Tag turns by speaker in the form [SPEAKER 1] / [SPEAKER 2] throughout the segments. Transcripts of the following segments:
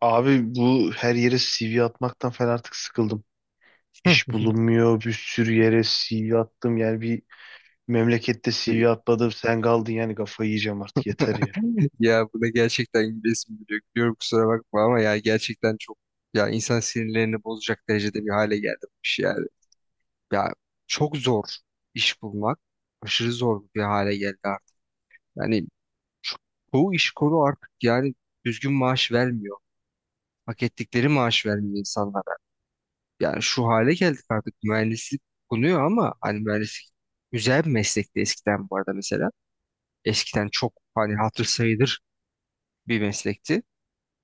[SPEAKER 1] Abi bu her yere CV atmaktan falan artık sıkıldım.
[SPEAKER 2] Hı.
[SPEAKER 1] İş bulunmuyor, bir sürü yere CV attım. Yani bir memlekette CV atmadım, sen kaldın yani kafayı yiyeceğim artık yeter ya.
[SPEAKER 2] Ya buna gerçekten gülesim geliyor. Gülüyorum kusura bakma ama ya gerçekten çok, ya insan sinirlerini bozacak derecede bir hale geldi bu iş yani. Ya çok zor iş bulmak. Aşırı zor bir hale geldi artık. Yani şu- çoğu iş kolu artık yani düzgün maaş vermiyor. Hak ettikleri maaş vermiyor insanlara. Yani şu hale geldik artık, mühendislik konuyor ama hani mühendislik güzel bir meslekti eskiden bu arada mesela. Eskiden çok hani hatır sayılır bir meslekti.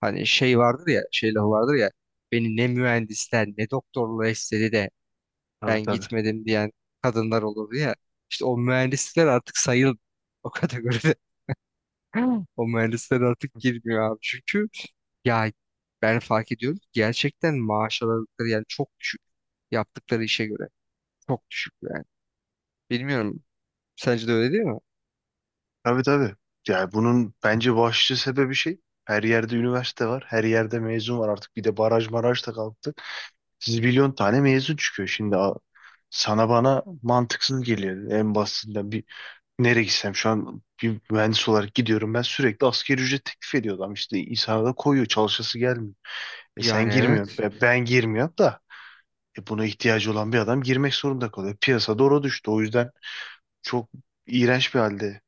[SPEAKER 2] Hani şey vardır ya, şey lafı vardır ya. Beni ne mühendisler ne doktorlar istedi de
[SPEAKER 1] Tabii
[SPEAKER 2] ben
[SPEAKER 1] tabii.
[SPEAKER 2] gitmedim diyen kadınlar olurdu ya. İşte o mühendisler artık o kategoride. O mühendisler artık girmiyor abi. Çünkü ya ben fark ediyorum ki gerçekten maaş aldıkları yani çok düşük. Yaptıkları işe göre çok düşük yani. Bilmiyorum. Sence de öyle değil mi?
[SPEAKER 1] Tabii tabii. Yani bunun bence başlıca sebebi şey. Her yerde üniversite var, her yerde mezun var artık. Bir de baraj maraj da kalktı. Siz milyon tane mezun çıkıyor şimdi. Sana bana mantıksız geliyor en basitinden. Nereye gitsem şu an bir mühendis olarak gidiyorum. Ben sürekli asgari ücret teklif ediyor adam. İşte insana da koyuyor. Çalışası gelmiyor. E sen
[SPEAKER 2] Yani
[SPEAKER 1] girmiyorsun.
[SPEAKER 2] evet.
[SPEAKER 1] Ben girmiyorum da. E buna ihtiyacı olan bir adam girmek zorunda kalıyor. Piyasa doğru düştü. O yüzden çok iğrenç bir halde.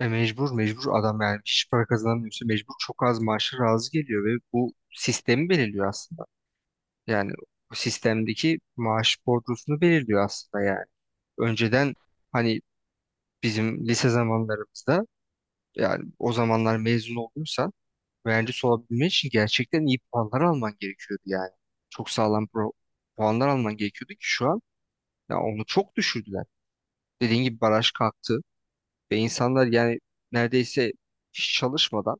[SPEAKER 2] E mecbur adam yani, hiç para kazanamıyorsa mecbur çok az maaşa razı geliyor ve bu sistemi belirliyor aslında. Yani o sistemdeki maaş bordrosunu belirliyor aslında yani. Önceden hani bizim lise zamanlarımızda, yani o zamanlar mezun olduysan mühendis olabilmek için gerçekten iyi puanlar alman gerekiyordu yani. Çok sağlam puanlar alman gerekiyordu ki şu an ya onu çok düşürdüler. Dediğin gibi baraj kalktı ve insanlar yani neredeyse hiç çalışmadan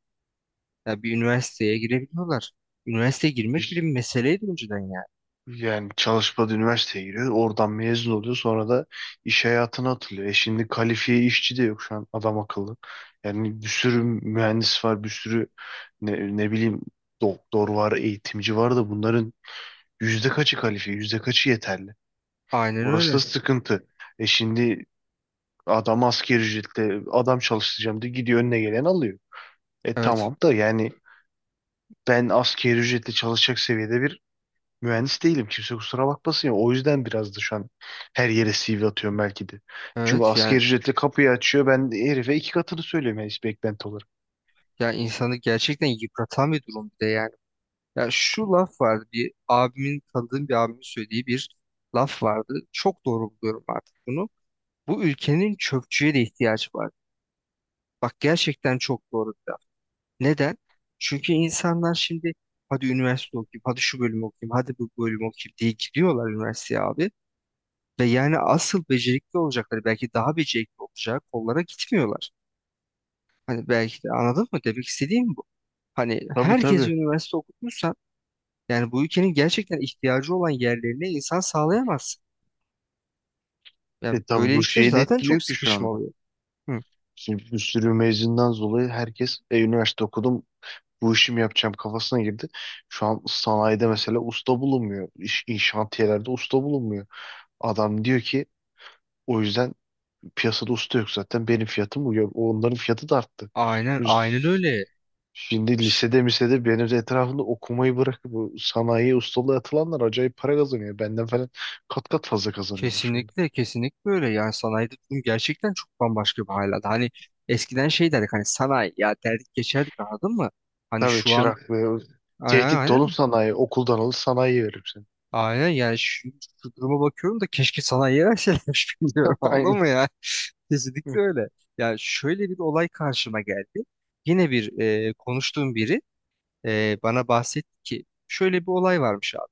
[SPEAKER 2] ya bir üniversiteye girebiliyorlar. Üniversiteye girmek bile
[SPEAKER 1] İş-
[SPEAKER 2] bir meseleydi önceden yani.
[SPEAKER 1] Yani çalışmadı üniversiteye giriyor. Oradan mezun oluyor. Sonra da iş hayatına atılıyor. E şimdi kalifiye işçi de yok şu an adam akıllı. Yani bir sürü mühendis var. Bir sürü ne bileyim doktor var, eğitimci var da bunların yüzde kaçı kalifiye, yüzde kaçı yeterli?
[SPEAKER 2] Aynen
[SPEAKER 1] Orası da
[SPEAKER 2] öyle.
[SPEAKER 1] sıkıntı. E şimdi adam asgari ücretle adam çalıştıracağım diye gidiyor önüne gelen alıyor. E
[SPEAKER 2] Evet.
[SPEAKER 1] tamam da yani ben asgari ücretle çalışacak seviyede bir mühendis değilim. Kimse kusura bakmasın ya. O yüzden biraz da şu an her yere CV atıyorum belki de. Çünkü
[SPEAKER 2] Evet
[SPEAKER 1] asgari
[SPEAKER 2] yani.
[SPEAKER 1] ücretle kapıyı açıyor. Ben de herife 2 katını söylüyorum yani beklenti olarak.
[SPEAKER 2] Ya insanı gerçekten yıpratan bir durum bir de yani. Ya şu laf vardı, bir abimin, tanıdığım bir abimin söylediği bir laf vardı. Çok doğru buluyorum artık bunu. Bu ülkenin çöpçüye de ihtiyacı var. Bak, gerçekten çok doğru bir laf. Neden? Çünkü insanlar şimdi hadi üniversite okuyayım, hadi şu bölümü okuyayım, hadi bu bölümü okuyayım diye gidiyorlar üniversiteye abi. Ve yani asıl becerikli olacakları, belki daha becerikli olacak kollara gitmiyorlar. Hani belki de, anladın mı? Demek istediğim bu. Hani
[SPEAKER 1] Tabii
[SPEAKER 2] herkes
[SPEAKER 1] tabii.
[SPEAKER 2] üniversite okutmuş. Yani bu ülkenin gerçekten ihtiyacı olan yerlerine insan sağlayamaz. Ya
[SPEAKER 1] E tabii bu
[SPEAKER 2] böylelikle
[SPEAKER 1] şeyi de
[SPEAKER 2] zaten çok
[SPEAKER 1] etkiliyor ki şu
[SPEAKER 2] sıkışma
[SPEAKER 1] anda.
[SPEAKER 2] oluyor. Hı.
[SPEAKER 1] Şimdi bir sürü mezundan dolayı herkes üniversite okudum bu işi yapacağım kafasına girdi. Şu an sanayide mesela usta bulunmuyor. İnşaatiyelerde usta bulunmuyor. Adam diyor ki o yüzden piyasada usta yok zaten benim fiyatım bu. Yok, onların fiyatı da arttı.
[SPEAKER 2] Aynen,
[SPEAKER 1] Çünkü
[SPEAKER 2] aynen öyle.
[SPEAKER 1] şimdi
[SPEAKER 2] Ş-
[SPEAKER 1] lisede misede benim de etrafımda okumayı bırakıp bu sanayiye ustalığa atılanlar acayip para kazanıyor. Benden falan kat kat fazla kazanıyorlar şu anda.
[SPEAKER 2] Kesinlikle, kesinlikle öyle. Yani sanayide durum gerçekten çok bambaşka bir hal aldı. Hani eskiden şey derdik, hani sanayi ya derdik geçerdik, anladın mı? Hani
[SPEAKER 1] Tabii
[SPEAKER 2] şu an
[SPEAKER 1] çırak ve
[SPEAKER 2] aynen
[SPEAKER 1] tehdit dolum
[SPEAKER 2] aynen.
[SPEAKER 1] sanayi okuldan alır sanayiye verir seni.
[SPEAKER 2] Aynen yani, şu, şu duruma bakıyorum da keşke sanayiye verselermiş bilmiyorum, anladın
[SPEAKER 1] Aynen.
[SPEAKER 2] mı ya? Kesinlikle öyle. Yani şöyle bir olay karşıma geldi. Yine bir konuştuğum biri bana bahsetti ki şöyle bir olay varmış abi.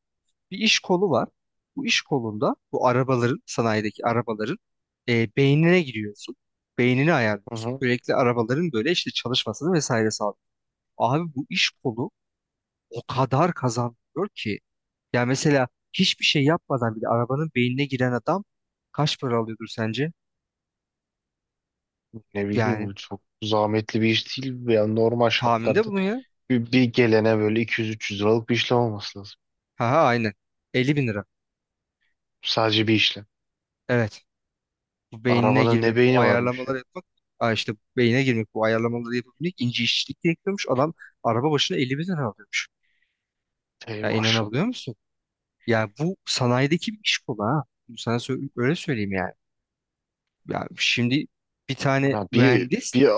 [SPEAKER 2] Bir iş kolu var. Bu iş kolunda bu arabaların, sanayideki arabaların beynine giriyorsun. Beynini
[SPEAKER 1] Hı
[SPEAKER 2] ayarlıyorsun.
[SPEAKER 1] hı.
[SPEAKER 2] Sürekli arabaların böyle işte çalışmasını vesaire sağlıyor. Abi bu iş kolu o kadar kazandırıyor ki ya mesela hiçbir şey yapmadan bile arabanın beynine giren adam kaç para alıyordur sence?
[SPEAKER 1] Ne
[SPEAKER 2] Yani
[SPEAKER 1] bileyim çok zahmetli bir iş değil. Yani normal
[SPEAKER 2] tahminde
[SPEAKER 1] şartlarda
[SPEAKER 2] bunu ya.
[SPEAKER 1] bir gelene böyle 200-300 liralık bir işlem olması lazım.
[SPEAKER 2] Ha ha aynen. 50 bin lira.
[SPEAKER 1] Sadece bir işlem.
[SPEAKER 2] Evet. Bu beynine
[SPEAKER 1] Arabanın
[SPEAKER 2] girmek,
[SPEAKER 1] ne
[SPEAKER 2] bu
[SPEAKER 1] beyni varmış
[SPEAKER 2] ayarlamaları
[SPEAKER 1] ya.
[SPEAKER 2] yapmak, aa işte beyine girmek, bu ayarlamaları yapabilmek ince işçilik gerekiyormuş. Adam araba başına 50 bin lira alıyormuş.
[SPEAKER 1] Ey
[SPEAKER 2] Ya inanabiliyor
[SPEAKER 1] maşallah.
[SPEAKER 2] musun? Ya bu sanayideki bir iş kolu ha. Bunu sana öyle söyleyeyim yani. Ya şimdi bir tane
[SPEAKER 1] Ha,
[SPEAKER 2] mühendis,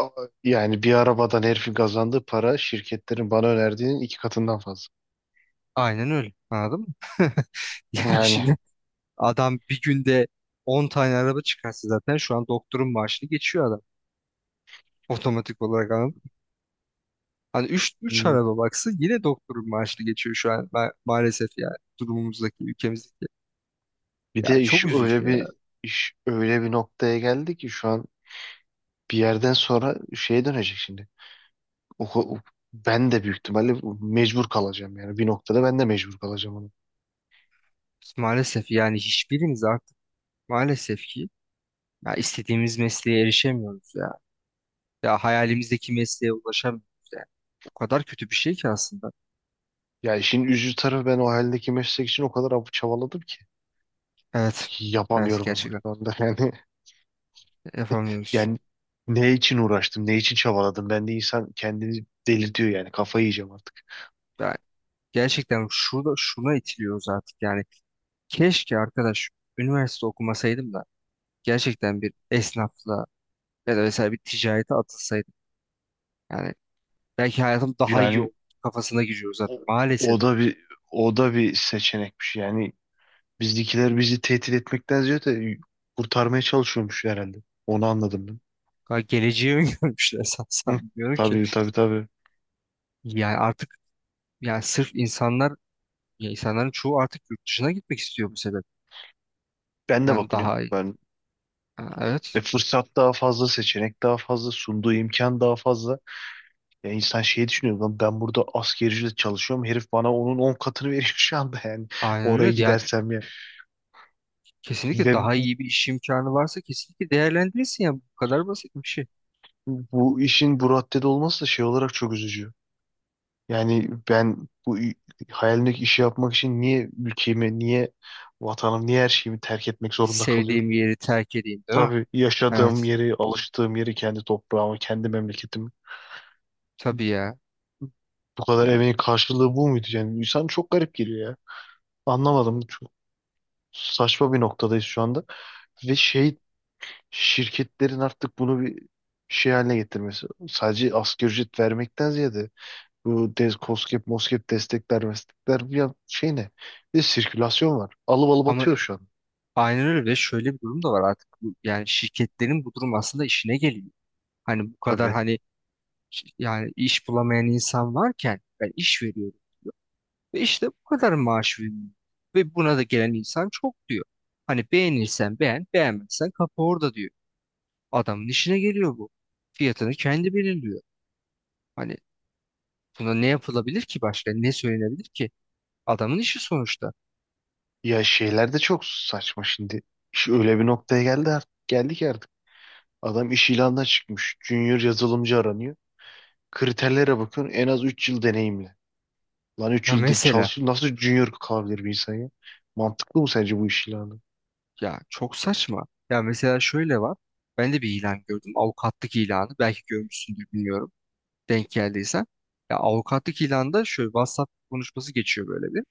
[SPEAKER 1] yani bir arabadan herifin kazandığı para şirketlerin bana önerdiğinin 2 katından fazla.
[SPEAKER 2] aynen öyle. Anladın mı? Yani
[SPEAKER 1] Yani
[SPEAKER 2] şimdi adam bir günde 10 tane araba çıkarsa zaten şu an doktorun maaşını geçiyor adam. Otomatik olarak hani üç araba baksa yine doktorun maaşını geçiyor şu an maalesef, yani durumumuzdaki ülkemizdeki.
[SPEAKER 1] bir
[SPEAKER 2] Ya
[SPEAKER 1] de
[SPEAKER 2] çok üzücü ya.
[SPEAKER 1] iş öyle bir noktaya geldi ki şu an bir yerden sonra şeye dönecek şimdi. O, o- Ben de büyük ihtimalle mecbur kalacağım yani bir noktada ben de mecbur kalacağım ona.
[SPEAKER 2] Maalesef yani hiçbirimiz artık, maalesef ki, ya istediğimiz mesleğe erişemiyoruz ya. Ya hayalimizdeki mesleğe ulaşamıyoruz yani. O kadar kötü bir şey ki aslında.
[SPEAKER 1] Ya işin üzücü tarafı ben o haldeki meslek için o kadar çabaladım ki.
[SPEAKER 2] Evet. Evet
[SPEAKER 1] Yapamıyorum ama
[SPEAKER 2] gerçekten
[SPEAKER 1] şu anda yani.
[SPEAKER 2] yapamıyoruz.
[SPEAKER 1] Yani ne için uğraştım, ne için çabaladım? Ben de insan kendini delirtiyor yani. Kafayı yiyeceğim artık.
[SPEAKER 2] Yani gerçekten şurada şuna itiliyoruz artık yani. Keşke arkadaş üniversite okumasaydım da gerçekten bir esnafla ya da mesela bir ticarete atılsaydım. Yani belki hayatım daha iyi
[SPEAKER 1] Yani
[SPEAKER 2] olur kafasına giriyoruz zaten.
[SPEAKER 1] o,
[SPEAKER 2] Maalesef.
[SPEAKER 1] o da bir o da bir seçenekmiş. Yani bizdekiler bizi tehdit etmekten ziyade kurtarmaya çalışıyormuş herhalde. Onu anladım ben.
[SPEAKER 2] Ha, geleceği öngörmüşler sanırsam.
[SPEAKER 1] Hı,
[SPEAKER 2] Bilmiyorum ki.
[SPEAKER 1] tabii tabii tabii.
[SPEAKER 2] Yani artık, yani sırf insanlar, ya insanların çoğu artık yurt dışına gitmek istiyor bu sebep.
[SPEAKER 1] Ben de
[SPEAKER 2] Yani
[SPEAKER 1] bakınıyorum.
[SPEAKER 2] daha iyi.
[SPEAKER 1] Ben
[SPEAKER 2] Ha, evet.
[SPEAKER 1] fırsat daha fazla, seçenek daha fazla, sunduğu imkan daha fazla. Ya insan şey düşünüyor lan ben burada askerciyle çalışıyorum herif bana onun 10 katını veriyor şu anda yani
[SPEAKER 2] Aynen
[SPEAKER 1] oraya
[SPEAKER 2] öyle. Yani
[SPEAKER 1] gidersem ya.
[SPEAKER 2] kesinlikle
[SPEAKER 1] Ve
[SPEAKER 2] daha
[SPEAKER 1] bu,
[SPEAKER 2] iyi bir iş imkanı varsa kesinlikle değerlendirirsin ya. Bu kadar basit bir şey.
[SPEAKER 1] bu işin bu raddede olması da şey olarak çok üzücü. Yani ben hayalimdeki işi yapmak için niye ülkemi, niye vatanım, niye her şeyimi terk etmek zorunda
[SPEAKER 2] Sevdiğim
[SPEAKER 1] kalıyorum?
[SPEAKER 2] yeri terk edeyim, değil mi?
[SPEAKER 1] Tabii yaşadığım
[SPEAKER 2] Evet.
[SPEAKER 1] yeri, alıştığım yeri, kendi toprağımı, kendi memleketimi.
[SPEAKER 2] Tabii ya.
[SPEAKER 1] Bu kadar
[SPEAKER 2] Yani
[SPEAKER 1] emeğin karşılığı bu muydu? Yani insan çok garip geliyor ya. Anlamadım. Çok saçma bir noktadayız şu anda. Ve şey şirketlerin artık bunu bir şey haline getirmesi. Sadece asgari ücret vermekten ziyade bu DES, KOSGEB, MOSGEB destekler, meslekler bir şey ne? Bir de sirkülasyon var. Alıp alıp
[SPEAKER 2] ama
[SPEAKER 1] atıyor şu an.
[SPEAKER 2] aynen öyle, ve şöyle bir durum da var artık. Yani şirketlerin, bu durum aslında işine geliyor. Hani bu kadar
[SPEAKER 1] Tabii.
[SPEAKER 2] hani, yani iş bulamayan insan varken ben iş veriyorum. Ve işte bu kadar maaş veriyorum. Ve buna da gelen insan çok diyor. Hani beğenirsen beğen, beğenmezsen kapı orada diyor. Adamın işine geliyor bu. Fiyatını kendi belirliyor. Hani buna ne yapılabilir ki başka? Ne söylenebilir ki? Adamın işi sonuçta.
[SPEAKER 1] Ya şeyler de çok saçma şimdi. İş öyle bir noktaya geldi artık. Geldi ki artık. Adam iş ilanına çıkmış. Junior yazılımcı aranıyor. Kriterlere bakın en az 3 yıl deneyimli. Lan 3
[SPEAKER 2] Ya
[SPEAKER 1] yıl
[SPEAKER 2] mesela,
[SPEAKER 1] çalışıyor. Nasıl junior kalabilir bir insan ya? Mantıklı mı sence bu iş ilanı?
[SPEAKER 2] ya çok saçma. Ya mesela şöyle var. Ben de bir ilan gördüm. Avukatlık ilanı. Belki görmüşsündür, bilmiyorum. Denk geldiysen. Ya avukatlık ilanında şöyle WhatsApp konuşması geçiyor, böyle bir,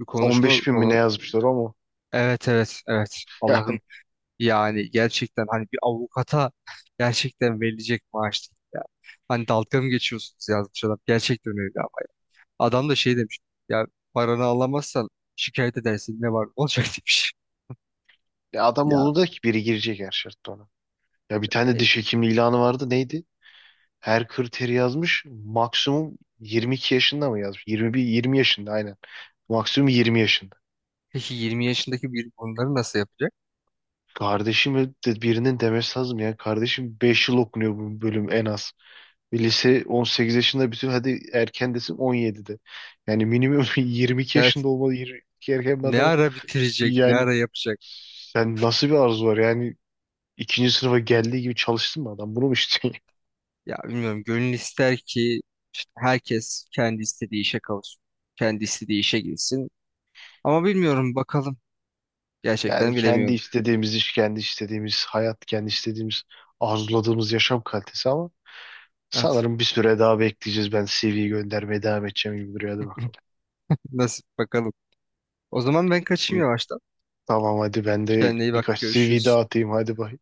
[SPEAKER 2] bir konuşma
[SPEAKER 1] 15 bin mi ne
[SPEAKER 2] falan.
[SPEAKER 1] yazmışlar ama.
[SPEAKER 2] Evet evet evet, Allah'ım, yani gerçekten hani bir avukata gerçekten verilecek maaş değil ya. Hani dalga mı geçiyorsunuz yazmış adam. Gerçekten öyle ama. Adam da şey demiş, ya paranı alamazsan şikayet edersin, ne var ne olacak demiş.
[SPEAKER 1] Ya adam
[SPEAKER 2] Ya
[SPEAKER 1] umurunda ki biri girecek her şartta ona. Ya bir tane
[SPEAKER 2] e,
[SPEAKER 1] diş hekimi ilanı vardı neydi? Her kriteri yazmış maksimum 22 yaşında mı yazmış? 21, 20 yaşında aynen. Maksimum 20 yaşında.
[SPEAKER 2] peki 20 yaşındaki biri bunları nasıl yapacak?
[SPEAKER 1] Kardeşim de birinin demesi lazım ya. Kardeşim 5 yıl okunuyor bu bölüm en az. Bir lise 18 yaşında bütün hadi erken desin 17'de. Yani minimum 22
[SPEAKER 2] Evet,
[SPEAKER 1] yaşında olmalı. 22 erken bir
[SPEAKER 2] ne
[SPEAKER 1] adam.
[SPEAKER 2] ara bitirecek, ne
[SPEAKER 1] Yani
[SPEAKER 2] ara yapacak?
[SPEAKER 1] sen nasıl bir arzu var yani ikinci sınıfa geldiği gibi çalıştın mı adam? Bunu mu istiyorsun?
[SPEAKER 2] Ya bilmiyorum, gönül ister ki işte herkes kendi istediği işe kavuşsun. Kendi istediği işe girsin. Ama bilmiyorum bakalım.
[SPEAKER 1] Yani
[SPEAKER 2] Gerçekten
[SPEAKER 1] kendi
[SPEAKER 2] bilemiyorum.
[SPEAKER 1] istediğimiz iş, kendi istediğimiz hayat, kendi istediğimiz arzuladığımız yaşam kalitesi ama
[SPEAKER 2] Evet.
[SPEAKER 1] sanırım bir süre daha bekleyeceğiz. Ben CV'yi göndermeye devam edeceğim gibi duruyor. Hadi bakalım.
[SPEAKER 2] Nasip bakalım. O zaman ben kaçayım
[SPEAKER 1] Hı,
[SPEAKER 2] yavaştan.
[SPEAKER 1] tamam hadi ben de
[SPEAKER 2] Kendine iyi bak.
[SPEAKER 1] birkaç CV
[SPEAKER 2] Görüşürüz.
[SPEAKER 1] daha atayım. Hadi bay.